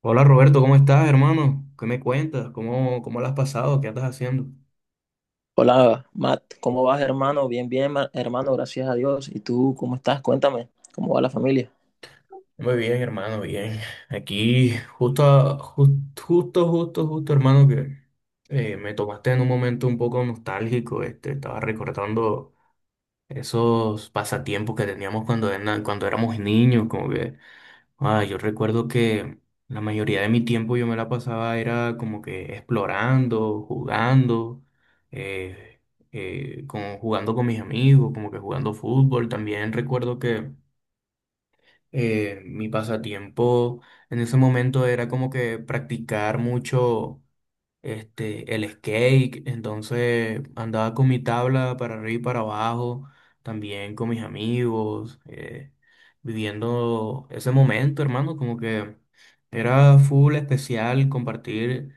Hola Roberto, ¿cómo estás, hermano? ¿Qué me cuentas? ¿Cómo la has pasado? ¿Qué andas haciendo? Hola, Matt, ¿cómo vas, hermano? Bien, hermano, gracias a Dios. ¿Y tú cómo estás? Cuéntame, ¿cómo va la familia? Muy bien, hermano, bien. Aquí, Justo, a- jus- justo, justo, justo, hermano, que me tomaste en un momento un poco nostálgico. Este, estaba recordando esos pasatiempos que teníamos cuando éramos niños, como que ah, yo recuerdo que la mayoría de mi tiempo yo me la pasaba era como que explorando, jugando, eh, como jugando con mis amigos, como que jugando fútbol. También recuerdo que mi pasatiempo en ese momento era como que practicar mucho este, el skate, entonces andaba con mi tabla para arriba y para abajo, también con mis amigos, viviendo ese momento, hermano, como que era full especial compartir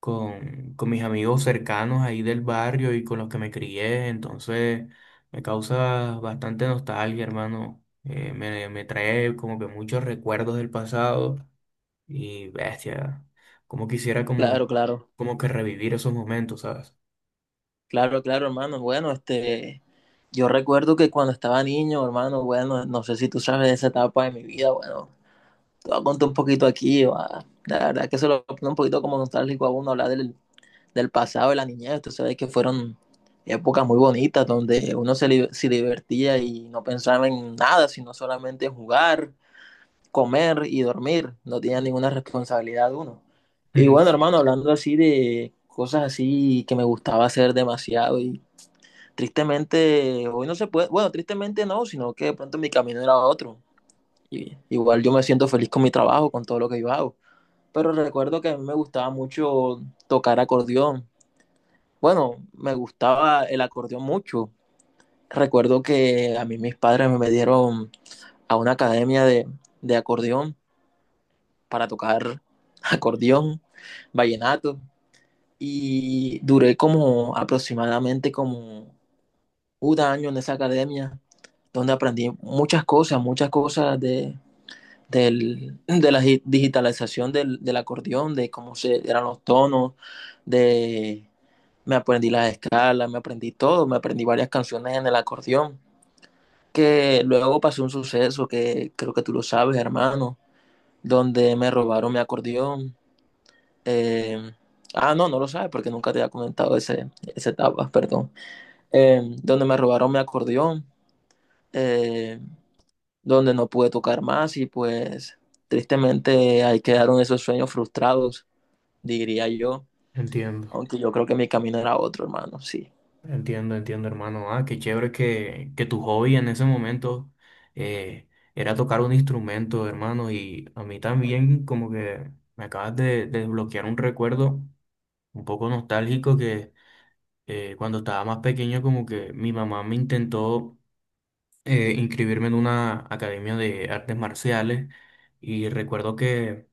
con mis amigos cercanos ahí del barrio y con los que me crié, entonces me causa bastante nostalgia, hermano, me trae como que muchos recuerdos del pasado. Y bestia, como quisiera como, Claro, claro, como que revivir esos momentos, ¿sabes? claro, hermano. Bueno, yo recuerdo que cuando estaba niño, hermano, bueno, no sé si tú sabes de esa etapa de mi vida. Bueno, te voy a contar un poquito aquí, va. La verdad que eso lo pone un poquito como nostálgico a uno hablar del pasado, de la niñez. Tú sabes que fueron épocas muy bonitas donde uno se divertía y no pensaba en nada, sino solamente en jugar, comer y dormir. No tenía ninguna responsabilidad uno. Y bueno, Ujú. hermano, hablando así de cosas así que me gustaba hacer demasiado y tristemente, hoy no se puede. Bueno, tristemente no, sino que de pronto mi camino era otro. Y, igual yo me siento feliz con mi trabajo, con todo lo que yo hago. Pero recuerdo que a mí me gustaba mucho tocar acordeón. Bueno, me gustaba el acordeón mucho. Recuerdo que a mí mis padres me metieron a una academia de acordeón para tocar acordeón, vallenato, y duré como aproximadamente como 1 año en esa academia, donde aprendí muchas cosas de la digitalización acordeón, de cómo eran los tonos, de me aprendí las escalas, me aprendí todo, me aprendí varias canciones en el acordeón, que luego pasó un suceso que creo que tú lo sabes, hermano, donde me robaron mi acordeón. eh, ah, no, no lo sabes porque nunca te había comentado esa etapa, perdón. Donde me robaron mi acordeón, eh, donde no pude tocar más y pues tristemente ahí quedaron esos sueños frustrados, diría yo, Entiendo, aunque yo creo que mi camino era otro, hermano, sí. entiendo, entiendo, hermano. Ah, qué chévere que tu hobby en ese momento eh, era tocar un instrumento, hermano. Y a mí también como que me acabas de desbloquear un recuerdo un poco nostálgico que cuando estaba más pequeño como que mi mamá me intentó inscribirme en una academia de artes marciales y recuerdo que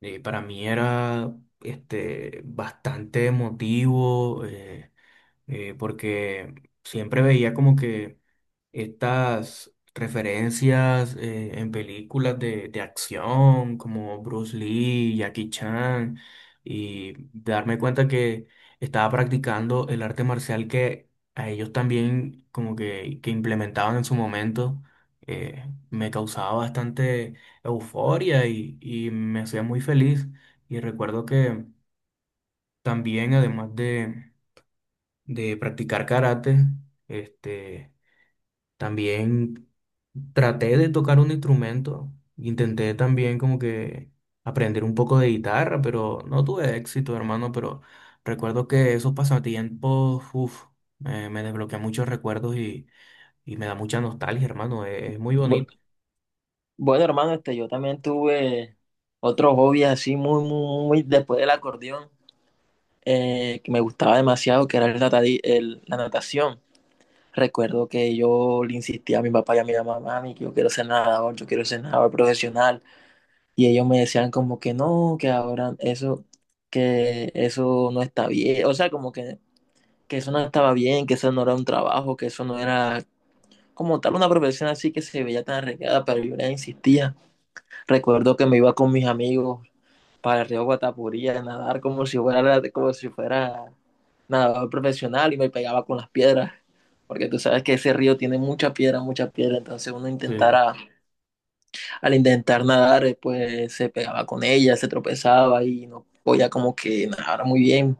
Para mí era este, bastante emotivo porque siempre veía como que estas referencias en películas de acción como Bruce Lee, Jackie Chan, y darme cuenta que estaba practicando el arte marcial que a ellos también como que implementaban en su momento, eh, me causaba bastante euforia y me hacía muy feliz. Y recuerdo que también, además de practicar karate, este... También traté de tocar un instrumento, intenté también como que aprender un poco de guitarra, pero no tuve éxito, hermano, pero recuerdo que esos pasatiempos, uf, me desbloquea muchos recuerdos y me da mucha nostalgia, hermano, es muy Bu- bonito. Bueno, hermano, yo también tuve otro hobby así muy después del acordeón, que me gustaba demasiado, que era la natación. Recuerdo que yo le insistía a mi papá y a mi mamá, mami, que yo quiero ser nadador, yo quiero ser nadador profesional. Y ellos me decían como que no, que ahora eso, que eso no está bien. O sea, como que eso no estaba bien, que eso no era un trabajo, que eso no era como tal una profesión así que se veía tan arreglada, pero yo les insistía. Recuerdo que me iba con mis amigos para el río Guatapurí a nadar como si fuera nadador profesional y me pegaba con las piedras, porque tú sabes que ese río tiene mucha piedra, entonces Sí, sí. Al intentar nadar, pues se pegaba con ella, se tropezaba y no podía como que nadar muy bien.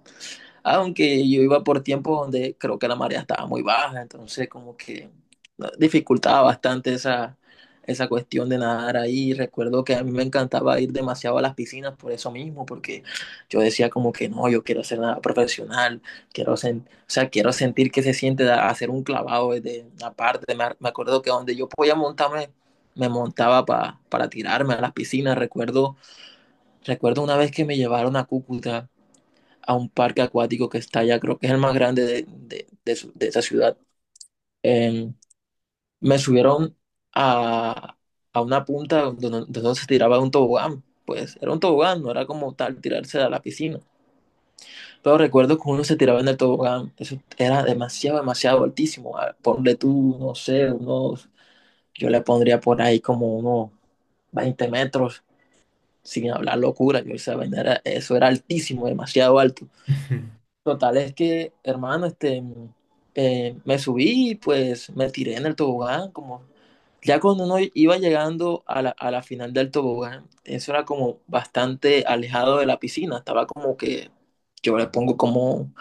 Aunque yo iba por tiempos donde creo que la marea estaba muy baja, entonces como que no, dificultaba bastante esa cuestión de nadar ahí. Recuerdo que a mí me encantaba ir demasiado a las piscinas por eso mismo, porque yo decía como que no, yo quiero hacer nada profesional, o sea, quiero sentir que se siente hacer un clavado desde una parte. Me acuerdo que donde yo podía montarme, me montaba para tirarme a las piscinas. Recuerdo una vez que me llevaron a Cúcuta a un parque acuático que está allá, creo que es el más grande de esa ciudad. Eh, Me subieron a, a una punta donde no se tiraba un tobogán. Pues era un tobogán, no era como tal tirarse a la piscina. Pero recuerdo que uno se tiraba en el tobogán. Eso era demasiado, demasiado altísimo. Ponle tú, no sé, yo le pondría por ahí como unos 20 metros, sin hablar locura. Yo esa vaina era- Eso era altísimo, demasiado alto. Total, es que, hermano, me subí y pues me tiré en el tobogán, como ya cuando uno iba llegando a a la final del tobogán, eso era como bastante alejado de la piscina, estaba como que yo le pongo como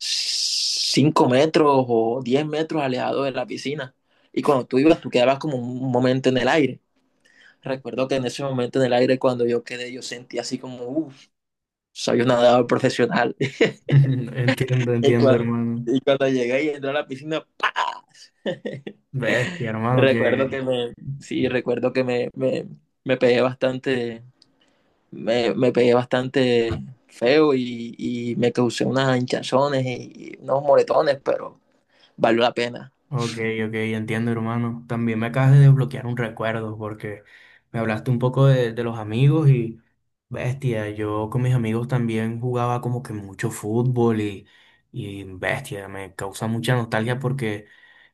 5 metros o 10 metros alejado de la piscina. Y cuando tú ibas, tú quedabas como un momento en el aire. Recuerdo que en ese momento en el aire, cuando yo quedé, yo sentí así como, uff, soy un nadador profesional. Entiendo, Y entiendo, cuando, hermano. y cuando llegué y entré a la piscina, ¡pa! Bestia, hermano, recuerdo que... que me, sí, recuerdo que me pegué bastante, me pegué bastante feo y me causé unas hinchazones y unos moretones, pero valió la pena. Ok, ok, entiendo, hermano. También me acabas de desbloquear un recuerdo porque me hablaste un poco de los amigos y, bestia, yo con mis amigos también jugaba como que mucho fútbol y, bestia, me causa mucha nostalgia porque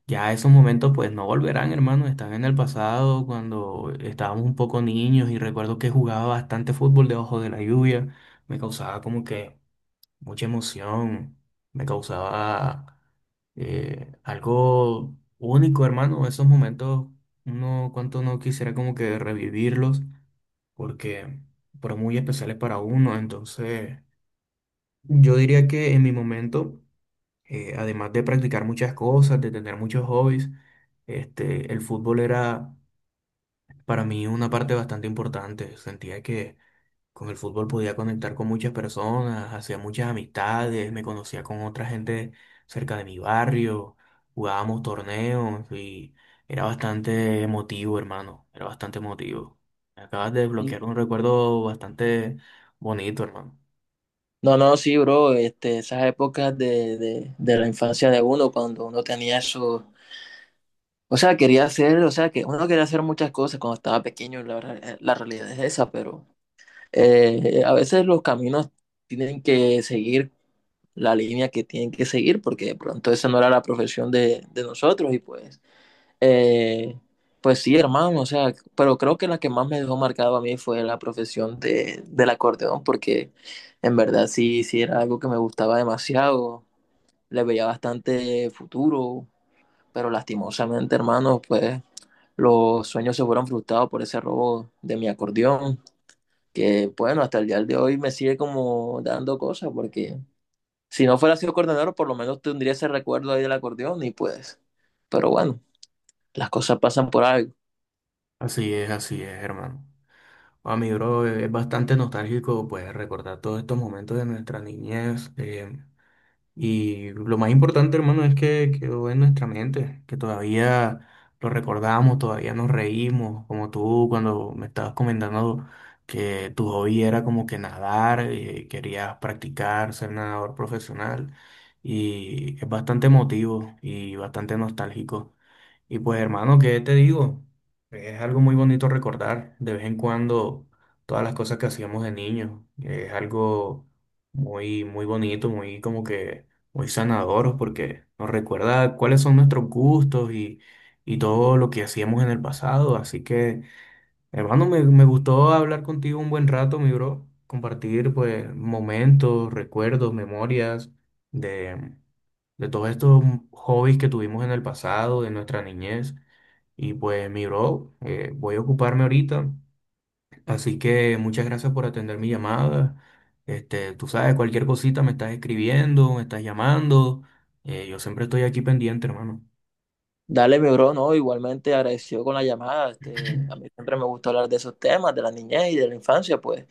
ya esos momentos pues no volverán, hermano, están en el pasado cuando estábamos un poco niños y recuerdo que jugaba bastante fútbol debajo de la lluvia, me causaba como que mucha emoción, me causaba algo único, hermano. Esos momentos, uno, cuánto no quisiera como que revivirlos, porque fueron muy especiales para uno. Entonces, yo diría que en mi momento, además de practicar muchas cosas, de tener muchos hobbies, este, el fútbol era para mí una parte bastante importante. Sentía que con el fútbol podía conectar con muchas personas, hacía muchas amistades, me conocía con otra gente cerca de mi barrio, jugábamos torneos y era bastante emotivo, hermano, era bastante emotivo. Me acabas de No, desbloquear un recuerdo bastante bonito, hermano. no, sí, bro, esas épocas de la infancia de uno, cuando uno tenía eso, o sea, quería hacer, o sea, que uno quería hacer muchas cosas cuando estaba pequeño, la realidad es esa, pero a veces los caminos tienen que seguir la línea que tienen que seguir porque de pronto esa no era la profesión de nosotros y pues, eh, pues sí, hermano, o sea, pero creo que la que más me dejó marcado a mí fue la profesión del acordeón porque en verdad sí, sí era algo que me gustaba demasiado, le veía bastante futuro, pero lastimosamente, hermano, pues los sueños se fueron frustrados por ese robo de mi acordeón, que bueno, hasta el día de hoy me sigue como dando cosas, porque si no fuera sido coordinador, por lo menos tendría ese recuerdo ahí del acordeón y pues, pero bueno, las cosas pasan por algo. Así es, hermano. A mi bro, es bastante nostálgico, pues, recordar todos estos momentos de nuestra niñez. Y lo más importante, hermano, es que quedó en nuestra mente, que todavía lo recordamos, todavía nos reímos, como tú cuando me estabas comentando que tu hobby era como que nadar, querías practicar, ser nadador profesional, y es bastante emotivo y bastante nostálgico. Y pues hermano, ¿qué te digo? Es algo muy bonito recordar de vez en cuando todas las cosas que hacíamos de niños. Es algo muy, muy bonito, muy como que muy sanador porque nos recuerda cuáles son nuestros gustos y todo lo que hacíamos en el pasado. Así que hermano, me gustó hablar contigo un buen rato, mi bro. Compartir, pues, momentos, recuerdos, memorias de, de todos estos hobbies que tuvimos en el pasado, de nuestra niñez. Y pues, mi bro, voy a ocuparme ahorita. Así que muchas gracias por atender mi llamada. Este, tú sabes, cualquier cosita me estás escribiendo, me estás llamando. Yo siempre estoy aquí pendiente, hermano. Dale, mi bro, no, igualmente agradecido con la llamada, a mí siempre me gusta hablar de esos temas, de la niñez y de la infancia, pues,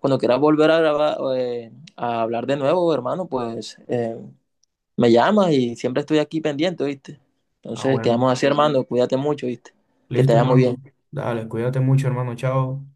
cuando quieras volver a grabar, a hablar de nuevo, hermano, pues, me llamas y siempre estoy aquí pendiente, ¿viste? Ah, Entonces, bueno. quedamos así, hermano, cuídate mucho, ¿viste? Que te Listo, vaya muy hermano. bien. Dale, cuídate mucho, hermano. Chao.